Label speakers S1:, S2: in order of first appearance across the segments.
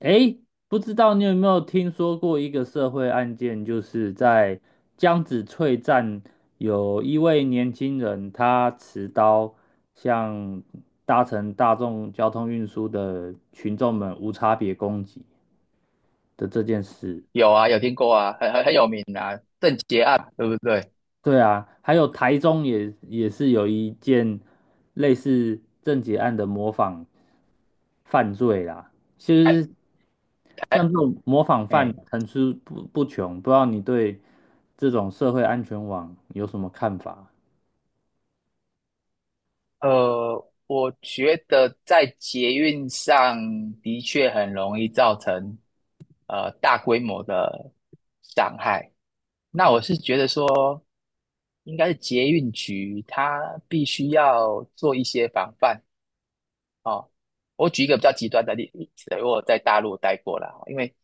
S1: 诶，不知道你有没有听说过一个社会案件，就是在江子翠站有一位年轻人，他持刀向搭乘大众交通运输的群众们无差别攻击的这件事。
S2: 有啊，有听过啊，很有名啊，郑捷案对不对？
S1: 对啊，还有台中也是有一件类似郑捷案的模仿犯罪啦。其
S2: 台
S1: 实像这
S2: 台
S1: 种模仿犯
S2: 哎，
S1: 层出不穷，不知道你对这种社会安全网有什么看法？
S2: 我觉得在捷运上的确很容易造成大规模的伤害。那我是觉得说，应该是捷运局它必须要做一些防范。哦，我举一个比较极端的例子，我有在大陆待过啦，因为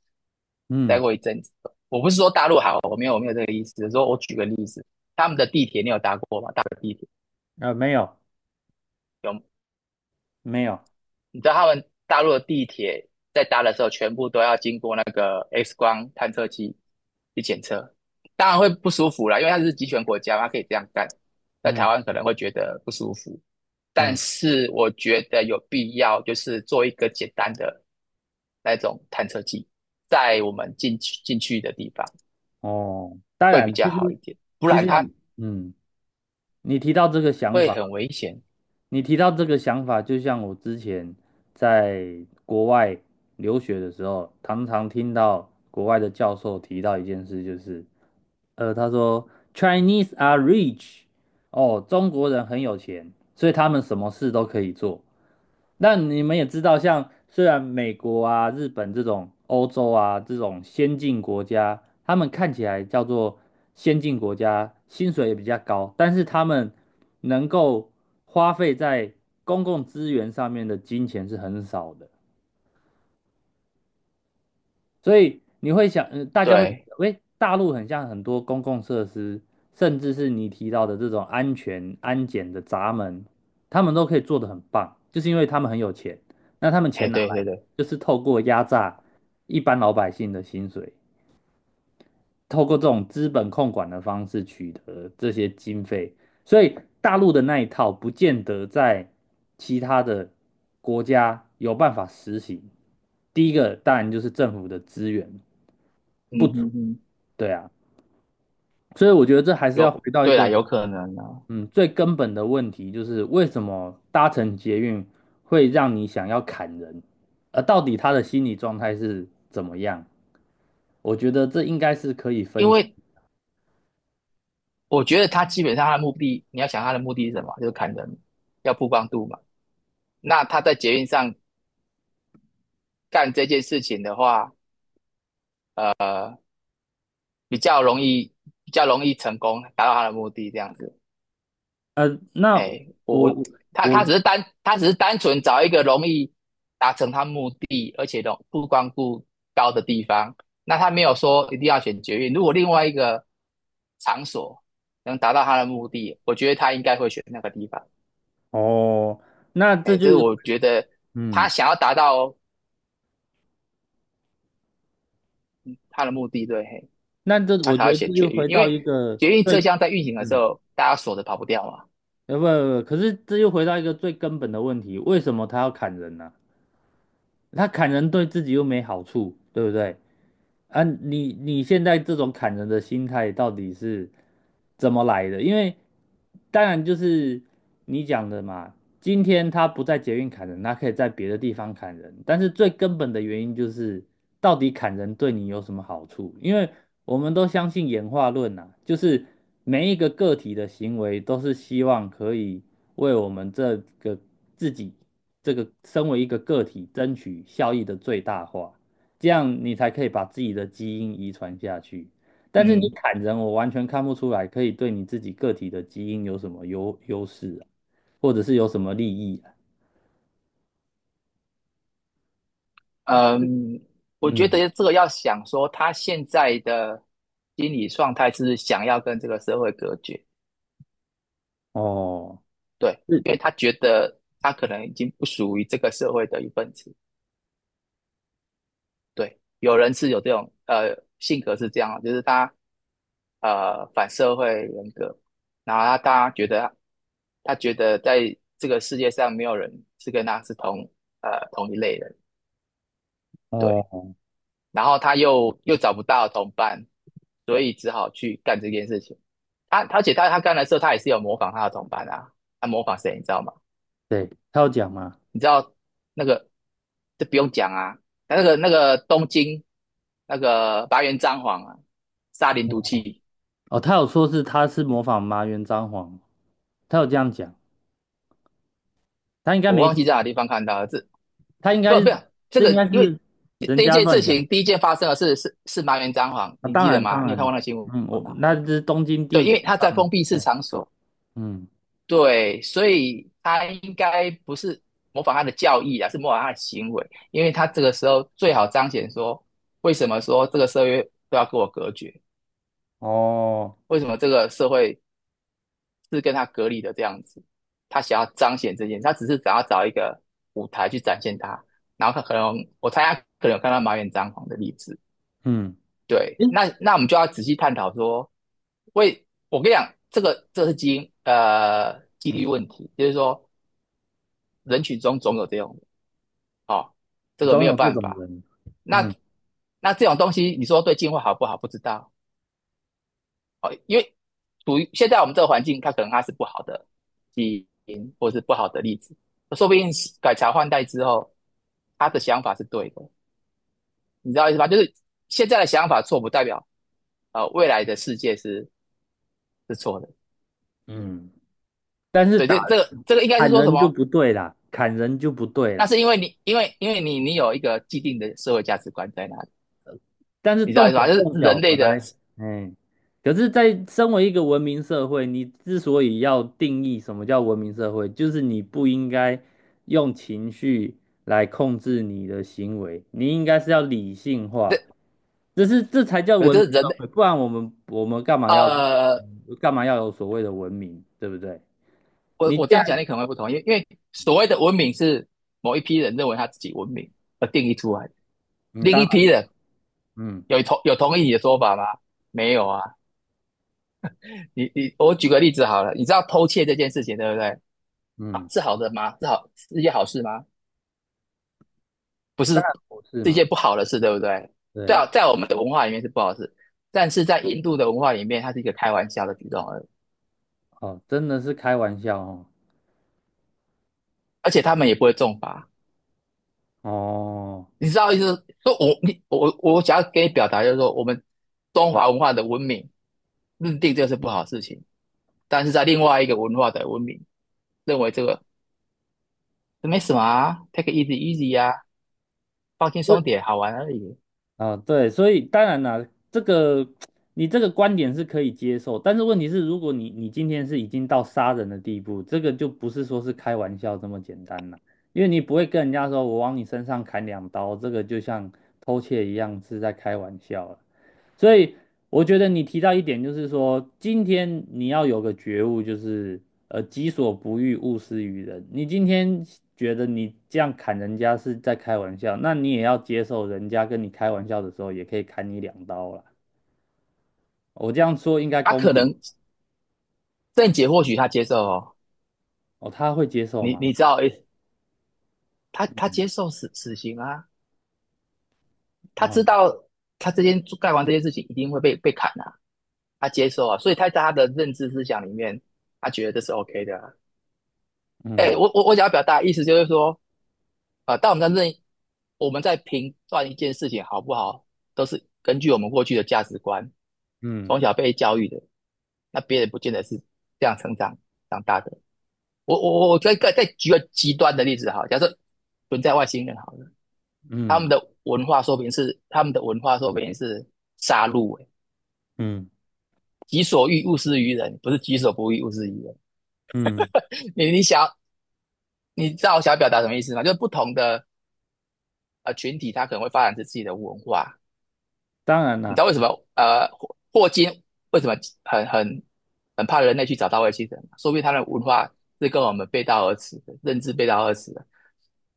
S2: 待
S1: 嗯。
S2: 过一阵子。我不是说大陆好，我没有这个意思，只是说我举个例子，他们的地铁你有搭过吗？大陆的地铁
S1: 没有，
S2: 有，
S1: 没有。
S2: 你知道他们大陆的地铁在搭的时候，全部都要经过那个 X 光探测器去检测，当然会不舒服啦，因为它是集权国家，它可以这样干。在台
S1: 嗯
S2: 湾可能会觉得不舒服，但
S1: 嗯。
S2: 是我觉得有必要，就是做一个简单的那种探测器，在我们进去的地方
S1: 哦，当
S2: 会比
S1: 然。
S2: 较
S1: 其实
S2: 好一点，不
S1: 其
S2: 然
S1: 实，
S2: 它
S1: 嗯，你提到这个想
S2: 会很
S1: 法。
S2: 危险。
S1: 你提到这个想法，就像我之前在国外留学的时候，常常听到国外的教授提到一件事，就是他说 Chinese are rich,哦，中国人很有钱，所以他们什么事都可以做。那你们也知道，像虽然美国啊、日本这种欧洲啊这种先进国家，他们看起来叫做先进国家，薪水也比较高，但是他们能够花费在公共资源上面的金钱是很少的。所以你会想，大家会觉
S2: 对，
S1: 得，喂，大陆很像很多公共设施，甚至是你提到的这种安检的闸门，他们都可以做得很棒，就是因为他们很有钱。那他们
S2: 哎，
S1: 钱哪
S2: 对对
S1: 来？
S2: 对，
S1: 就是透过压榨一般老百姓的薪水，透过这种资本控管的方式取得这些经费。所以大陆的那一套，不见得在其他的国家有办法实行。第一个当然就是政府的资源。
S2: 嗯嗯嗯，
S1: 对啊。所以我觉得这还是要
S2: 有，
S1: 回到一
S2: 对啦，
S1: 个
S2: 有可能啊，
S1: 最根本的问题，就是为什么搭乘捷运会让你想要砍人，而到底他的心理状态是怎么样？我觉得这应该是可以
S2: 因
S1: 分析。
S2: 为我觉得他基本上他的目的，你要想他的目的是什么，就是砍人，要曝光度嘛。那他在捷运上干这件事情的话，比较容易，比较容易成功，达到他的目的，这样子。
S1: 呃，那
S2: 哎，
S1: 我我
S2: 他只是单纯找一个容易达成他目的，而且容不光顾高的地方。那他没有说一定要选捷运。如果另外一个场所能达到他的目的，我觉得他应该会选那个地方。
S1: 哦，那这
S2: 哎，
S1: 就
S2: 这是
S1: 是。
S2: 我觉得他
S1: 嗯，
S2: 想要达到他的目的，对，嘿，他
S1: 我
S2: 才
S1: 觉
S2: 会
S1: 得
S2: 选
S1: 这
S2: 捷
S1: 就
S2: 运，
S1: 回
S2: 因
S1: 到
S2: 为
S1: 一个
S2: 捷运
S1: 最。
S2: 车厢在运行的时
S1: 嗯，
S2: 候，大家锁着跑不掉嘛。
S1: 呃不不不，可是这又回到一个最根本的问题，为什么他要砍人呢、他砍人对自己又没好处，对不对？啊，你现在这种砍人的心态到底是怎么来的？因为当然就是你讲的嘛，今天他不在捷运砍人，他可以在别的地方砍人，但是最根本的原因就是到底砍人对你有什么好处？因为我们都相信演化论呐、啊就是每一个个体的行为都是希望可以为我们这个自己这个身为一个个体争取效益的最大化。这样你才可以把自己的基因遗传下去。但是你
S2: 嗯。
S1: 砍人，我完全看不出来可以对你自己个体的基因有什么优势啊，或者是有什么利益啊。
S2: 嗯，我觉
S1: 嗯。
S2: 得这个要想说他现在的心理状态是想要跟这个社会隔绝，
S1: 哦。
S2: 对，
S1: 是
S2: 因为他觉得他可能已经不属于这个社会的一份子，对，有人是有这种性格是这样，就是他反社会人格，然后他觉得在这个世界上没有人是跟他是同一类人，对。
S1: 哦。
S2: 然后他又找不到同伴，所以只好去干这件事情。他而且他干的时候，他也是有模仿他的同伴啊，他模仿谁你知道吗？
S1: 对，他有讲吗？
S2: 你知道那个这不用讲啊，他那个东京那个白猿张皇啊，沙林毒气，
S1: 哦，他有说是他是模仿麻原彰晃，他有这样讲，他应该
S2: 我
S1: 没，
S2: 忘记在哪地方看到了，这
S1: 他应
S2: 不
S1: 该
S2: 不
S1: 是。
S2: 这
S1: 这
S2: 个
S1: 应该
S2: 因为。
S1: 是人
S2: 第一
S1: 家
S2: 件事
S1: 乱讲。
S2: 情，第一件发生的是麻原彰晃，
S1: 啊，
S2: 你
S1: 当
S2: 记得
S1: 然
S2: 吗？
S1: 当
S2: 你有
S1: 然
S2: 看过
S1: 了。
S2: 那个新
S1: 嗯，
S2: 闻
S1: 我
S2: 吗？
S1: 那是东京
S2: 对，
S1: 地
S2: 因为
S1: 铁
S2: 他在
S1: 上。
S2: 封闭式
S1: 哎。
S2: 场所，
S1: 嗯。
S2: 对，所以他应该不是模仿他的教义啊，是模仿他的行为，因为他这个时候最好彰显说，为什么说这个社会都要跟我隔绝，
S1: 哦。
S2: 为什么这个社会是跟他隔离的这样子，他想要彰显这件事，他只是想要找一个舞台去展现他，然后他可能我猜他可能有看到麻原张狂的例子，
S1: 嗯。
S2: 对，
S1: 诶
S2: 那我们就要仔细探讨说，为我跟你讲，这是基因几率问题，就是说人群中总有这种人。哦，这个
S1: 总
S2: 没有
S1: 有这
S2: 办
S1: 种
S2: 法。
S1: 人。
S2: 那
S1: 嗯
S2: 那这种东西，你说对进化好不好？不知道哦，因为处于现在我们这个环境，它可能它是不好的基因，或是不好的例子，说不定改朝换代之后，他的想法是对的，你知道意思吧？就是现在的想法错，不代表未来的世界是错的。
S1: 嗯。但是
S2: 对，
S1: 打
S2: 这个应该是
S1: 砍
S2: 说什
S1: 人就
S2: 么？
S1: 不对啦，砍人就不对
S2: 那
S1: 啦。
S2: 是因为你因为你有一个既定的社会价值观在那里，
S1: 但是
S2: 你知
S1: 动
S2: 道意思
S1: 手
S2: 吧？就是
S1: 动脚
S2: 人类
S1: 本
S2: 的
S1: 来。哎，可是，在身为一个文明社会，你之所以要定义什么叫文明社会，就是你不应该用情绪来控制你的行为，你应该是要理性化，
S2: 这
S1: 这才叫文明
S2: 这是
S1: 社
S2: 人
S1: 会，
S2: 类
S1: 不然我们干嘛要
S2: 呃
S1: 干嘛要有所谓的文明，对不对？
S2: 我
S1: 你既
S2: 我这
S1: 然。
S2: 样讲你可能会不同意，因为所谓的文明是某一批人认为他自己文明而定义出来的，
S1: 你
S2: 另
S1: 当
S2: 一批
S1: 然。
S2: 人
S1: 嗯。
S2: 有同意你的说法吗？没有啊，你我举个例子好了，你知道偷窃这件事情对不对？啊，
S1: 嗯，
S2: 是好的吗？是一件好事吗？不是，
S1: 我是
S2: 是一
S1: 嘛？
S2: 件不好的事，对不对？对
S1: 对。
S2: 啊，在我们的文化里面是不好事，但是在印度的文化里面，它是一个开玩笑的举动而已，
S1: 哦，真的是开玩笑哦。
S2: 而且他们也不会重罚，
S1: 哦。
S2: 你知道意思？你我我想要给你表达，就是说我们中华文化的文明认定这是不好的事情，但是在另外一个文化的文明认为这个没什么啊，take it easy easy 啊，放轻松
S1: 对。
S2: 点，好玩而已。
S1: 啊，对，所以当然啦，这个你这个观点是可以接受，但是问题是，如果你今天是已经到杀人的地步，这个就不是说是开玩笑这么简单了，因为你不会跟人家说我往你身上砍两刀，这个就像偷窃一样是在开玩笑了。所以我觉得你提到一点，就是说，今天你要有个觉悟，就是己所不欲，勿施于人。你今天觉得你这样砍人家是在开玩笑，那你也要接受人家跟你开玩笑的时候，也可以砍你两刀啦。我这样说应该
S2: 他、
S1: 公
S2: 可
S1: 平。
S2: 能郑姐或许他接受哦，
S1: 哦，他会接受
S2: 你
S1: 吗？
S2: 你知道诶，他接受死刑啊，他
S1: 哦。
S2: 知道他干完这件事情一定会被砍啊，他接受啊，所以他在他的认知思想里面，他觉得这是 OK 的啊、哎、欸
S1: 嗯
S2: 我想要表达的意思就是说，啊，但我们在评断一件事情好不好，都是根据我们过去的价值观，
S1: 嗯
S2: 从小被教育的，那别人不见得是这样长大的。我再举个极端的例子哈，假设存在外星人好了，
S1: 嗯
S2: 他们的文化说明是杀戮、欸，
S1: 嗯
S2: 己所欲勿施于人，不是己所不欲勿施于人。
S1: 嗯，
S2: 你你知道我想表达什么意思吗？就是不同的群体，他可能会发展出自己的文化。
S1: 当然
S2: 你知
S1: 啦。
S2: 道为什么呃霍金为什么很很很怕人类去找到外星人吗？说不定他的文化是跟我们背道而驰的，认知背道而驰的，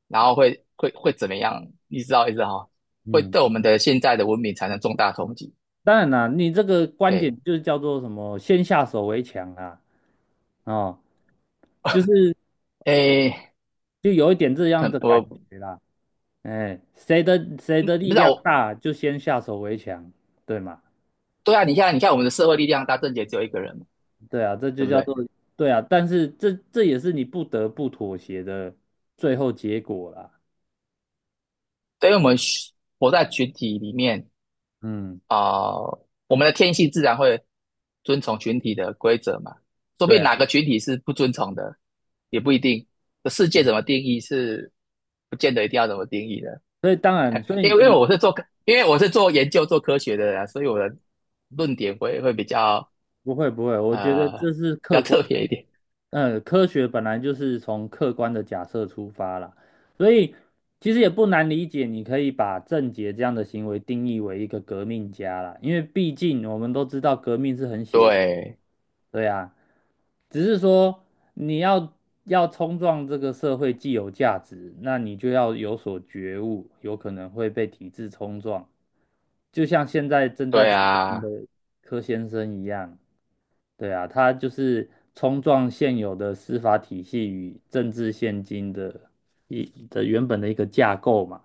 S2: 然后会怎么样？你知道意思哈？会
S1: 嗯，
S2: 对我们的现在的文明产生重大冲击。
S1: 当然啦，你这个观点
S2: 嘿，
S1: 就是叫做什么"先下手为强"啊。哦。就是
S2: 诶，
S1: 就有一点这样
S2: 可
S1: 的
S2: 我
S1: 感
S2: 不
S1: 觉啦。哎，谁的谁的力
S2: 知道
S1: 量
S2: 我，
S1: 大，就先下手为强，对吗？
S2: 对啊，你看你看我们的社会力量大，正结只有一个人嘛，
S1: 对啊，这
S2: 对
S1: 就
S2: 不
S1: 叫
S2: 对？
S1: 做。对啊。但是这这也是你不得不妥协的最后结果啦。
S2: 对于我们群活在群体里面，
S1: 嗯。
S2: 啊、呃我们的天性自然会遵从群体的规则嘛，说不
S1: 对
S2: 定哪
S1: 啊。
S2: 个群体是不遵从的，也不一定。这世界
S1: 嗯，
S2: 怎么定义是不见得一定要怎么定义的，
S1: 所以当然，所以
S2: 因为
S1: 你。
S2: 我是做因为我是做研究做科学的人啊，所以我的论点会比较
S1: 不会不会，我觉得
S2: 呃
S1: 这是
S2: 比
S1: 客
S2: 较
S1: 观。
S2: 特别一点。
S1: 科学本来就是从客观的假设出发啦，所以其实也不难理解，你可以把郑捷这样的行为定义为一个革命家啦，因为毕竟我们都知道革命是很血，
S2: 对
S1: 对啊，只是说你要要冲撞这个社会既有价值，那你就要有所觉悟，有可能会被体制冲撞，就像现在正在
S2: 对
S1: 被关
S2: 啊，
S1: 的柯先生一样。对啊，他就是冲撞现有的司法体系与政治现今的一原本的一个架构嘛。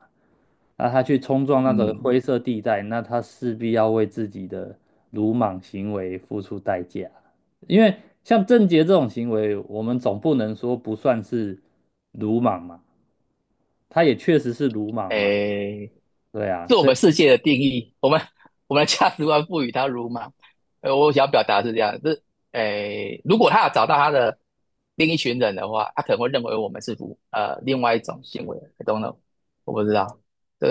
S1: 那他去冲撞那种
S2: 嗯，
S1: 灰色地带，那他势必要为自己的鲁莽行为付出代价。因为像郑捷这种行为，我们总不能说不算是鲁莽嘛，他也确实是鲁莽嘛。
S2: 诶，
S1: 对啊，
S2: 是我
S1: 所以。
S2: 们世界的定义，我们的价值观赋予它如嘛。我想要表达是这样，诶，如果他要找到他的另一群人的话，他可能会认为我们是不呃另外一种行为，I don't know，我不知道，这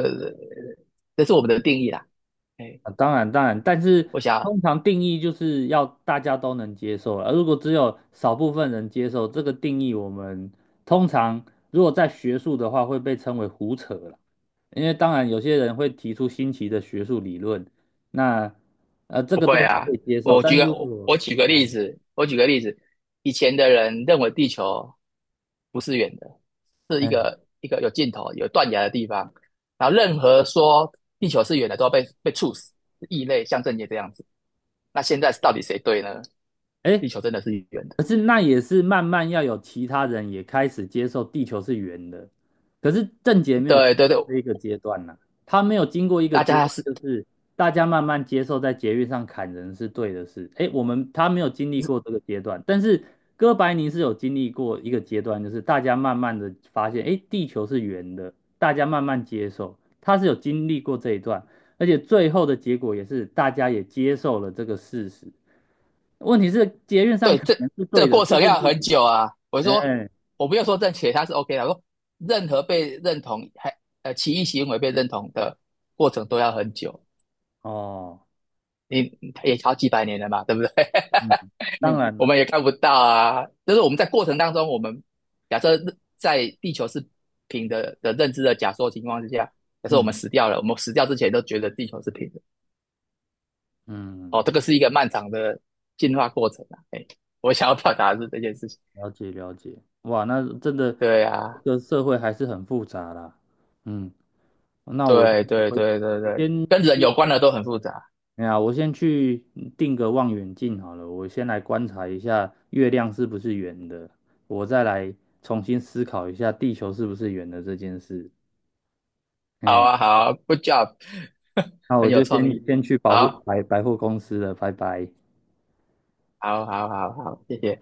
S2: 这是我们的定义啦。诶，
S1: 啊，当然当然，但是
S2: 我想
S1: 通常定义就是要大家都能接受了。而如果只有少部分人接受这个定义，我们通常如果在学术的话会被称为胡扯了。因为当然有些人会提出新奇的学术理论，那这
S2: 不
S1: 个都
S2: 会
S1: 是
S2: 啊，
S1: 可以接受，
S2: 我
S1: 但
S2: 举
S1: 是
S2: 个
S1: 如
S2: 我
S1: 果。
S2: 我举个例子，我举个例子，以前的人认为地球不是圆的，是一个有尽头、有断崖的地方，然后任何说地球是圆的都要被处死，是异类，像正业这样子。那现在到底谁对呢？地
S1: 哎，
S2: 球真的是圆的，
S1: 可是那也是慢慢要有其他人也开始接受地球是圆的，可是郑杰没有经
S2: 对对对，
S1: 过这一个阶段呐、他没有经过一个
S2: 大
S1: 阶
S2: 家
S1: 段，
S2: 是
S1: 就是大家慢慢接受在捷运上砍人是对的事。哎，我们他没有经历过这个阶段，但是哥白尼是有经历过一个阶段，就是大家慢慢的发现，哎，地球是圆的，大家慢慢接受，他是有经历过这一段。而且最后的结果也是大家也接受了这个事实。问题是捷运上
S2: 对，
S1: 可
S2: 这
S1: 能是
S2: 这个
S1: 对的
S2: 过
S1: 这
S2: 程
S1: 件
S2: 要
S1: 事
S2: 很
S1: 情。
S2: 久啊。我说，
S1: 哎。
S2: 我不要说正确，他是 OK 的。我说，任何被认同还歧义行为被认同的过程都要很久，
S1: 哦。
S2: 你也好几百年了嘛，对不对？
S1: 嗯，当
S2: 嗯
S1: 然
S2: 我
S1: 了。
S2: 们也看不到啊。就是我们在过程当中，我们假设在地球是平的的认知的假说情况之下，假设我们
S1: 嗯
S2: 死掉了，我们死掉之前都觉得地球是平的。哦，这
S1: 嗯。
S2: 个是一个漫长的进化过程啊。哎，我想要表达的是这件事情。
S1: 了解了解，哇，那真的
S2: 对
S1: 这
S2: 啊，
S1: 个社会还是很复杂啦。嗯，那我
S2: 对对
S1: 我
S2: 对对
S1: 我
S2: 对，
S1: 先
S2: 跟人
S1: 去，
S2: 有关的都很复杂。
S1: 哎呀，我先去定个望远镜好了，我先来观察一下月亮是不是圆的，我再来重新思考一下地球是不是圆的这件事。
S2: 好
S1: 哎，
S2: 啊，好 good job，
S1: 那我
S2: 很有
S1: 就
S2: 创
S1: 先
S2: 意。
S1: 先去保护
S2: 好，
S1: 百货公司了，拜拜。
S2: 好，好，好，好，谢谢。